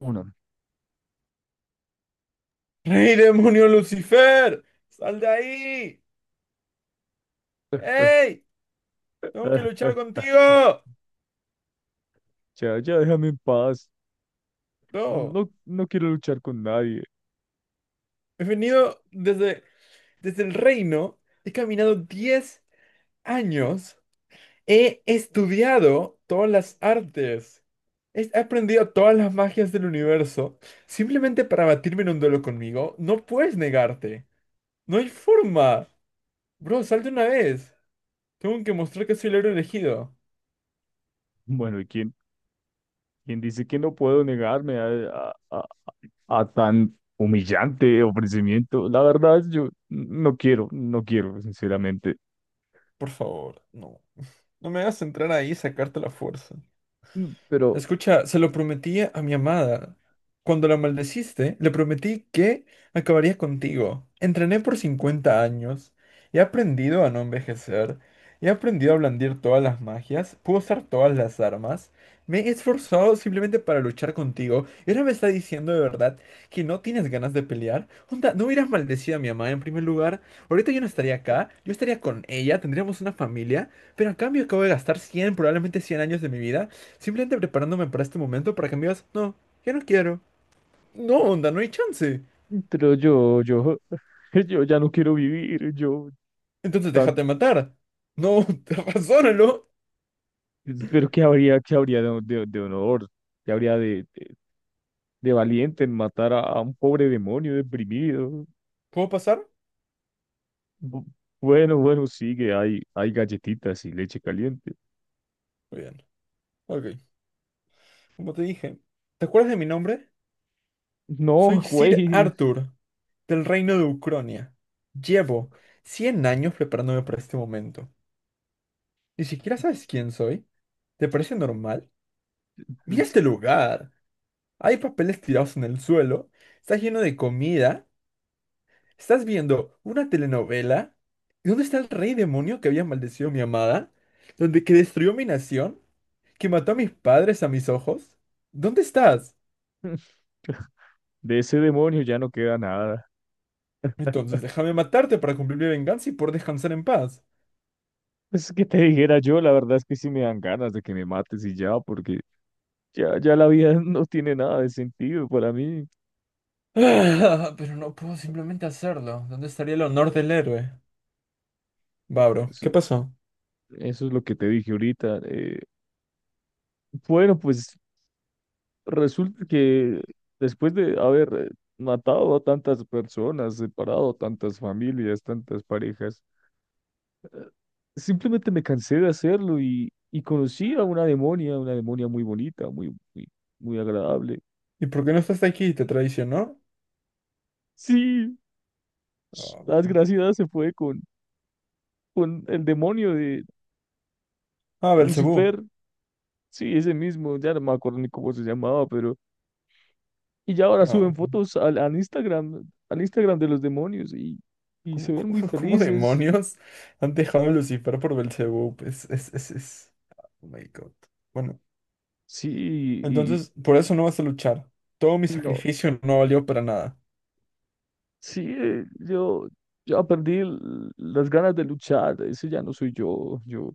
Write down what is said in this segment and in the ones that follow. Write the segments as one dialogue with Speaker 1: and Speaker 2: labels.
Speaker 1: Uno.
Speaker 2: ¡Rey demonio Lucifer! ¡Sal de ahí! ¡Ey!
Speaker 1: Eh,
Speaker 2: ¡Tengo que
Speaker 1: eh,
Speaker 2: luchar
Speaker 1: eh,
Speaker 2: contigo!
Speaker 1: Ya, ya déjame en paz.
Speaker 2: No,
Speaker 1: No, no quiero luchar con nadie.
Speaker 2: he venido desde el reino, he caminado 10 años, he estudiado todas las artes, he aprendido todas las magias del universo, simplemente para batirme en un duelo conmigo, no puedes negarte, no hay forma. Bro, sal de una vez, tengo que mostrar que soy el héroe elegido.
Speaker 1: Bueno, ¿y quién, quién dice que no puedo negarme a, a- a tan humillante ofrecimiento? La verdad, yo no quiero, no quiero, sinceramente.
Speaker 2: Por favor, no. No me hagas entrar ahí y sacarte la fuerza.
Speaker 1: Mm, Pero,
Speaker 2: Escucha, se lo prometí a mi amada. Cuando la maldeciste, le prometí que acabaría contigo. Entrené por 50 años. He aprendido a no envejecer. He aprendido a blandir todas las magias. Puedo usar todas las armas. Me he esforzado simplemente para luchar contigo. ¿Y ahora me está diciendo de verdad que no tienes ganas de pelear? Onda, no hubieras maldecido a mi amada en primer lugar. Ahorita yo no estaría acá. Yo estaría con ella. Tendríamos una familia. Pero a cambio acabo de gastar 100, probablemente 100 años de mi vida simplemente preparándome para este momento para que me digas, no, ya no quiero. No, onda, no hay chance.
Speaker 1: pero yo ya no quiero vivir.
Speaker 2: Entonces
Speaker 1: Tan,
Speaker 2: déjate matar. No, razónalo.
Speaker 1: pero ¿qué habría de, de honor? ¿Qué habría de valiente en matar a un pobre demonio deprimido?
Speaker 2: ¿Puedo pasar?
Speaker 1: Bu- Bueno, bueno, sigue, hay galletitas y leche caliente.
Speaker 2: Muy bien. Ok. Como te dije, ¿te acuerdas de mi nombre?
Speaker 1: No,
Speaker 2: Soy Sir
Speaker 1: güey,
Speaker 2: Arthur, del reino de Ucronia. Llevo 100 años preparándome para este momento. Ni siquiera sabes quién soy. ¿Te parece normal? Mira este lugar. Hay papeles tirados en el suelo. Está lleno de comida. Estás viendo una telenovela. ¿Dónde está el rey demonio que había maldecido a mi amada, donde que destruyó mi nación, que mató a mis padres a mis ojos? ¿Dónde estás?
Speaker 1: de ese demonio ya no queda nada.
Speaker 2: Entonces déjame matarte para cumplir mi venganza y poder descansar en paz.
Speaker 1: Es que te dijera yo, la verdad es que sí me dan ganas de que me mates y ya, porque ya, ya la vida no tiene nada de sentido para mí.
Speaker 2: Ah, pero no puedo simplemente hacerlo. ¿Dónde estaría el honor del héroe? Babro, ¿qué
Speaker 1: Eso,
Speaker 2: pasó?
Speaker 1: eso es lo que te dije ahorita. Bueno, pues resulta que después de haber matado a tantas personas, separado tantas familias, tantas parejas, simplemente me cansé de hacerlo y conocí a una demonia muy bonita, muy agradable.
Speaker 2: ¿Y por qué no estás aquí? ¿Te traicionó?
Speaker 1: Sí,
Speaker 2: Ah,
Speaker 1: la
Speaker 2: ok.
Speaker 1: desgraciada se fue con el demonio de
Speaker 2: Ah, Belcebú.
Speaker 1: Lucifer, sí, ese mismo, ya no me acuerdo ni cómo se llamaba, pero... Y ya ahora
Speaker 2: Ah,
Speaker 1: suben
Speaker 2: ok.
Speaker 1: fotos al, al Instagram de los demonios y se
Speaker 2: ¿Cómo,
Speaker 1: ven muy
Speaker 2: cómo- ¿Cómo
Speaker 1: felices.
Speaker 2: demonios han dejado a Lucifer por Belcebú? Oh my God. Bueno,
Speaker 1: Sí, y y-
Speaker 2: entonces por eso no vas a luchar. Todo mi
Speaker 1: no,
Speaker 2: sacrificio no valió para nada.
Speaker 1: sí, yo... Ya perdí las ganas de luchar, ese ya no soy yo. Yo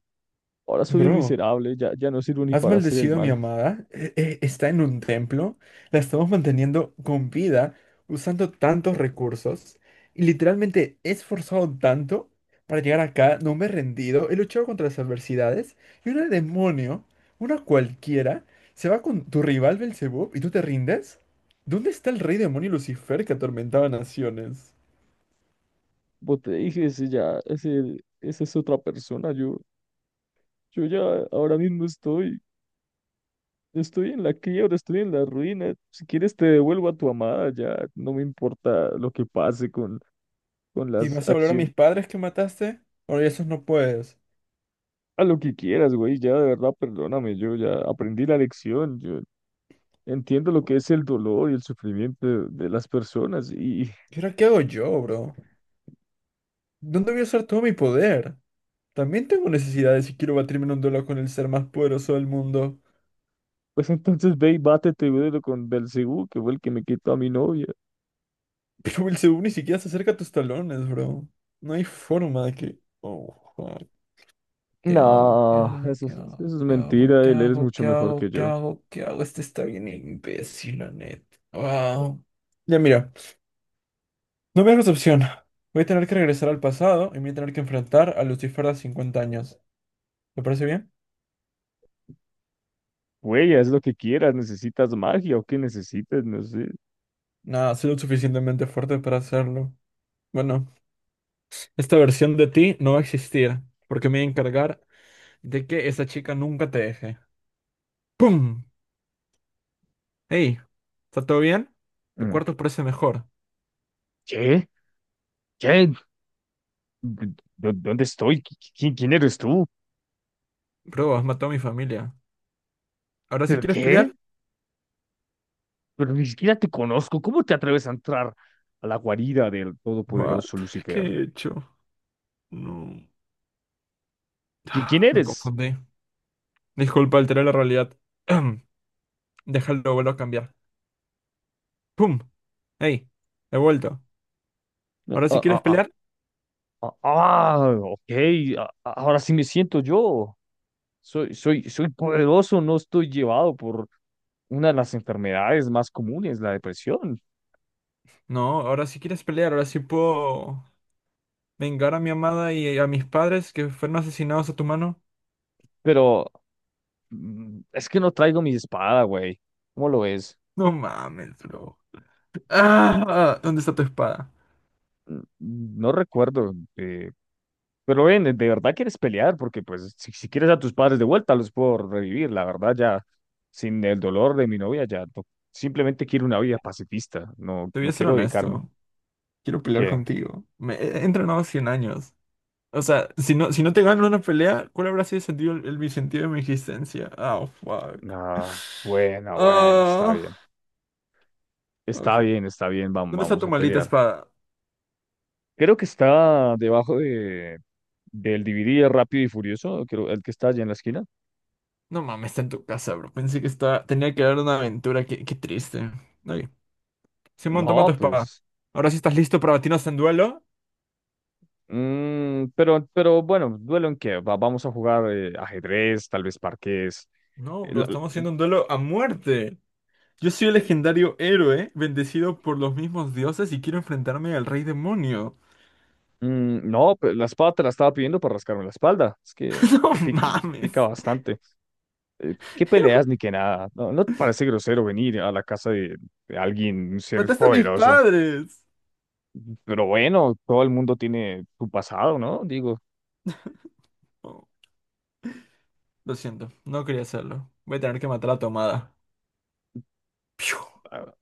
Speaker 1: ahora soy un
Speaker 2: Bro.
Speaker 1: miserable, ya, ya no sirvo ni
Speaker 2: Has
Speaker 1: para hacer el
Speaker 2: maldecido a mi
Speaker 1: mal.
Speaker 2: amada, está en un templo, la estamos manteniendo con vida, usando tantos recursos, y literalmente he esforzado tanto para llegar acá, no me he rendido, he luchado contra las adversidades, y una demonio, una cualquiera, se va con tu rival Belcebú y tú te rindes. ¿Dónde está el rey demonio Lucifer que atormentaba naciones?
Speaker 1: Como te dije, ese ya, ese, esa es otra persona. Yo ya ahora mismo estoy, estoy en la quiebra, estoy en la ruina. Si quieres te devuelvo a tu amada, ya no me importa lo que pase con
Speaker 2: ¿Y
Speaker 1: las
Speaker 2: vas a volver a
Speaker 1: acciones.
Speaker 2: mis padres que mataste? Ahora esos no puedes.
Speaker 1: A lo que quieras, güey, ya de verdad perdóname, yo ya aprendí la lección, yo entiendo lo que es el dolor y el sufrimiento de las personas. Y
Speaker 2: ¿Y ahora qué hago yo, bro? ¿Dónde voy a usar todo mi poder? También tengo necesidades si quiero batirme en un duelo con el ser más poderoso del mundo.
Speaker 1: pues entonces ve y bátete, güey, con Belcebú, que fue el que me quitó a mi novia.
Speaker 2: Pero Belzebú ni siquiera se acerca a tus talones, bro. No hay forma de que... Oh, fuck. ¿Qué hago? ¿Qué
Speaker 1: No,
Speaker 2: hago?
Speaker 1: eso,
Speaker 2: ¿Qué hago?
Speaker 1: eso es
Speaker 2: ¿Qué hago?
Speaker 1: mentira,
Speaker 2: ¿Qué
Speaker 1: él eres
Speaker 2: hago?
Speaker 1: mucho
Speaker 2: ¿Qué
Speaker 1: mejor
Speaker 2: hago?
Speaker 1: que
Speaker 2: ¿Qué
Speaker 1: yo.
Speaker 2: hago? ¿Qué hago? Este está bien imbécil, la neta. Wow. Ya mira, no me hagas opción. Voy a tener que regresar al pasado y me voy a tener que enfrentar a Lucifer de 50 años. ¿Te parece bien?
Speaker 1: Güey, haz lo que quieras, necesitas magia o qué necesitas, no sé.
Speaker 2: Nada, soy lo suficientemente fuerte para hacerlo. Bueno. Esta versión de ti no va a existir, porque me voy a encargar de que esa chica nunca te deje. ¡Pum! ¡Ey! ¿Está todo bien? Tu
Speaker 1: Mm.
Speaker 2: cuarto parece mejor.
Speaker 1: ¿Qué? ¿Qué? ¿Dó- ¿Dónde estoy? ¿Quién, quién eres tú?
Speaker 2: Bro, has matado a mi familia. ¿Ahora sí
Speaker 1: ¿Pero
Speaker 2: quieres
Speaker 1: qué?
Speaker 2: pelear?
Speaker 1: Pero ni siquiera te conozco. ¿Cómo te atreves a entrar a la guarida del todopoderoso
Speaker 2: What? ¿Qué
Speaker 1: Lucifer?
Speaker 2: he hecho? No.
Speaker 1: ¿Quién
Speaker 2: Ah, me
Speaker 1: eres?
Speaker 2: confundí. Disculpa, alteré la realidad. Déjalo, vuelvo a cambiar. ¡Pum! ¡Ey! He vuelto. ¿Ahora sí
Speaker 1: Ah, ah,
Speaker 2: quieres
Speaker 1: ah,
Speaker 2: pelear?
Speaker 1: ok, ahora sí me siento yo. Soy poderoso, no estoy llevado por una de las enfermedades más comunes, la depresión.
Speaker 2: No, ahora sí quieres pelear. Ahora sí puedo vengar a mi amada y a mis padres que fueron asesinados a tu mano.
Speaker 1: Pero es que no traigo mi espada, güey. ¿Cómo lo ves?
Speaker 2: No mames, bro. Ah, ¿dónde está tu espada?
Speaker 1: No recuerdo. Pero ven, de verdad quieres pelear? Porque pues si, si quieres a tus padres de vuelta, los puedo revivir. La verdad ya, sin el dolor de mi novia, simplemente quiero una vida pacifista. No,
Speaker 2: Te voy a
Speaker 1: no
Speaker 2: ser
Speaker 1: quiero dedicarme.
Speaker 2: honesto. Quiero pelear
Speaker 1: ¿Qué?
Speaker 2: contigo. Me he entrenado 100 años. O sea, si no te gano una pelea, ¿cuál habrá sido el sentido, mi sentido de mi existencia? Oh, fuck.
Speaker 1: Ah, bueno, bueno, está
Speaker 2: Ah,
Speaker 1: bien. Está
Speaker 2: ok.
Speaker 1: bien, está bien, vamos,
Speaker 2: ¿Dónde está
Speaker 1: vamos
Speaker 2: tu
Speaker 1: a
Speaker 2: maldita
Speaker 1: pelear.
Speaker 2: espada?
Speaker 1: Creo que está debajo de, del DVD de Rápido y Furioso, creo, el que está allá en la esquina.
Speaker 2: No mames, está en tu casa, bro. Pensé que estaba, tenía que dar una aventura. Qué triste. Ok. Simón, toma
Speaker 1: No,
Speaker 2: tu espada.
Speaker 1: pues.
Speaker 2: ¿Ahora sí estás listo para batirnos en duelo?
Speaker 1: Pero bueno, duelo en qué. Vamos a jugar ajedrez, tal vez parqués.
Speaker 2: No, bro,
Speaker 1: La-
Speaker 2: estamos haciendo un duelo a muerte. Yo soy el legendario héroe, bendecido por los mismos dioses y quiero enfrentarme al rey demonio.
Speaker 1: no, pues, la espada te la estaba pidiendo para rascarme la espalda. Es que
Speaker 2: No
Speaker 1: me
Speaker 2: mames.
Speaker 1: pica, bastante. ¿Qué peleas ni qué nada? No, ¿no te parece grosero venir a la casa de alguien, un ser
Speaker 2: Mataste a mis
Speaker 1: poderoso?
Speaker 2: padres.
Speaker 1: Pero bueno, todo el mundo tiene su pasado, ¿no? Digo,
Speaker 2: Oh, lo siento, no quería hacerlo. Voy a tener que matar a Tomada. Piu.
Speaker 1: ah,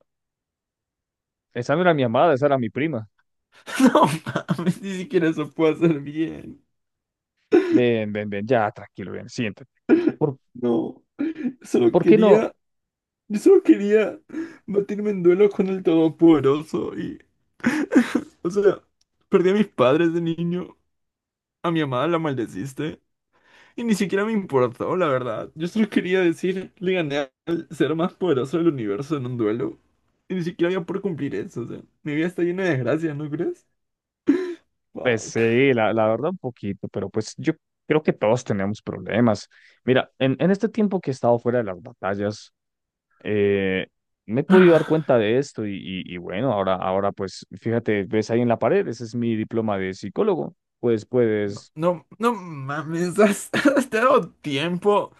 Speaker 1: esa no era mi amada, esa era mi prima.
Speaker 2: No mames, ni siquiera eso puedo hacer bien.
Speaker 1: Ven, ven, ven, ya, tranquilo, ven, siéntate. ¿Por,
Speaker 2: No, solo
Speaker 1: por qué no?
Speaker 2: quería, solo quería batirme en duelo con el Todopoderoso y, o sea, perdí a mis padres de niño. A mi amada la maldeciste. Y ni siquiera me importó, la verdad. Yo solo quería decir, le gané al ser más poderoso del universo en un duelo. Y ni siquiera había por cumplir eso, o sea, mi vida está llena de desgracias, ¿no crees?
Speaker 1: Pues
Speaker 2: Fuck.
Speaker 1: sí, la verdad un poquito, pero pues yo creo que todos tenemos problemas. Mira, en este tiempo que he estado fuera de las batallas, eh, me he podido dar cuenta de esto y bueno, ahora, ahora pues fíjate, ves ahí en la pared, ese es mi diploma de psicólogo. Pues puedes,
Speaker 2: No, no mames, has dado tiempo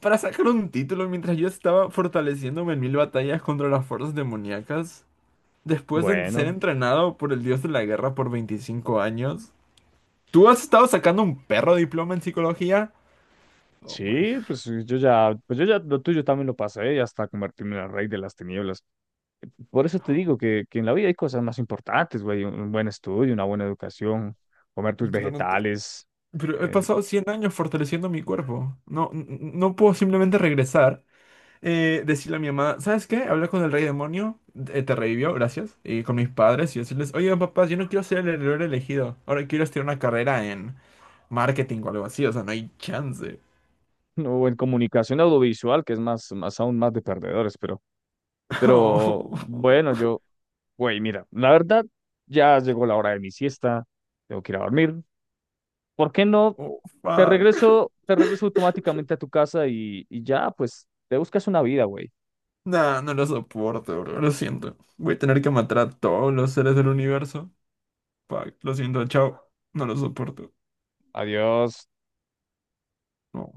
Speaker 2: para sacar un título mientras yo estaba fortaleciéndome en mil batallas contra las fuerzas demoníacas. Después de ser
Speaker 1: bueno,
Speaker 2: entrenado por el dios de la guerra por 25 años. ¿Tú has estado sacando un perro diploma en psicología? Oh my.
Speaker 1: sí, pues yo ya lo tuyo también lo pasé y hasta convertirme en el rey de las tinieblas. Por eso te digo que en la vida hay cosas más importantes, güey. Un buen estudio, una buena educación, comer tus
Speaker 2: Pero no.
Speaker 1: vegetales,
Speaker 2: Pero he
Speaker 1: eh,
Speaker 2: pasado 100 años fortaleciendo mi cuerpo. No, no puedo simplemente regresar, decirle a mi mamá, ¿sabes qué? Hablar con el rey demonio, te revivió, gracias. Y con mis padres y decirles, oigan papás, yo no quiero ser el heredero elegido. Ahora quiero estudiar una carrera en marketing o algo así, o sea, no hay chance.
Speaker 1: ¿no? O en comunicación audiovisual, que es más, más aún más de perdedores, pero bueno, yo, güey, mira, la verdad, ya llegó la hora de mi siesta, tengo que ir a dormir. ¿Por qué no?
Speaker 2: Oh, fuck.
Speaker 1: Te regreso automáticamente a tu casa y ya, pues, te buscas una vida, güey.
Speaker 2: Nah, no lo soporto, bro. Lo siento. Voy a tener que matar a todos los seres del universo. Fuck, lo siento, chao. No lo soporto.
Speaker 1: Adiós.
Speaker 2: No.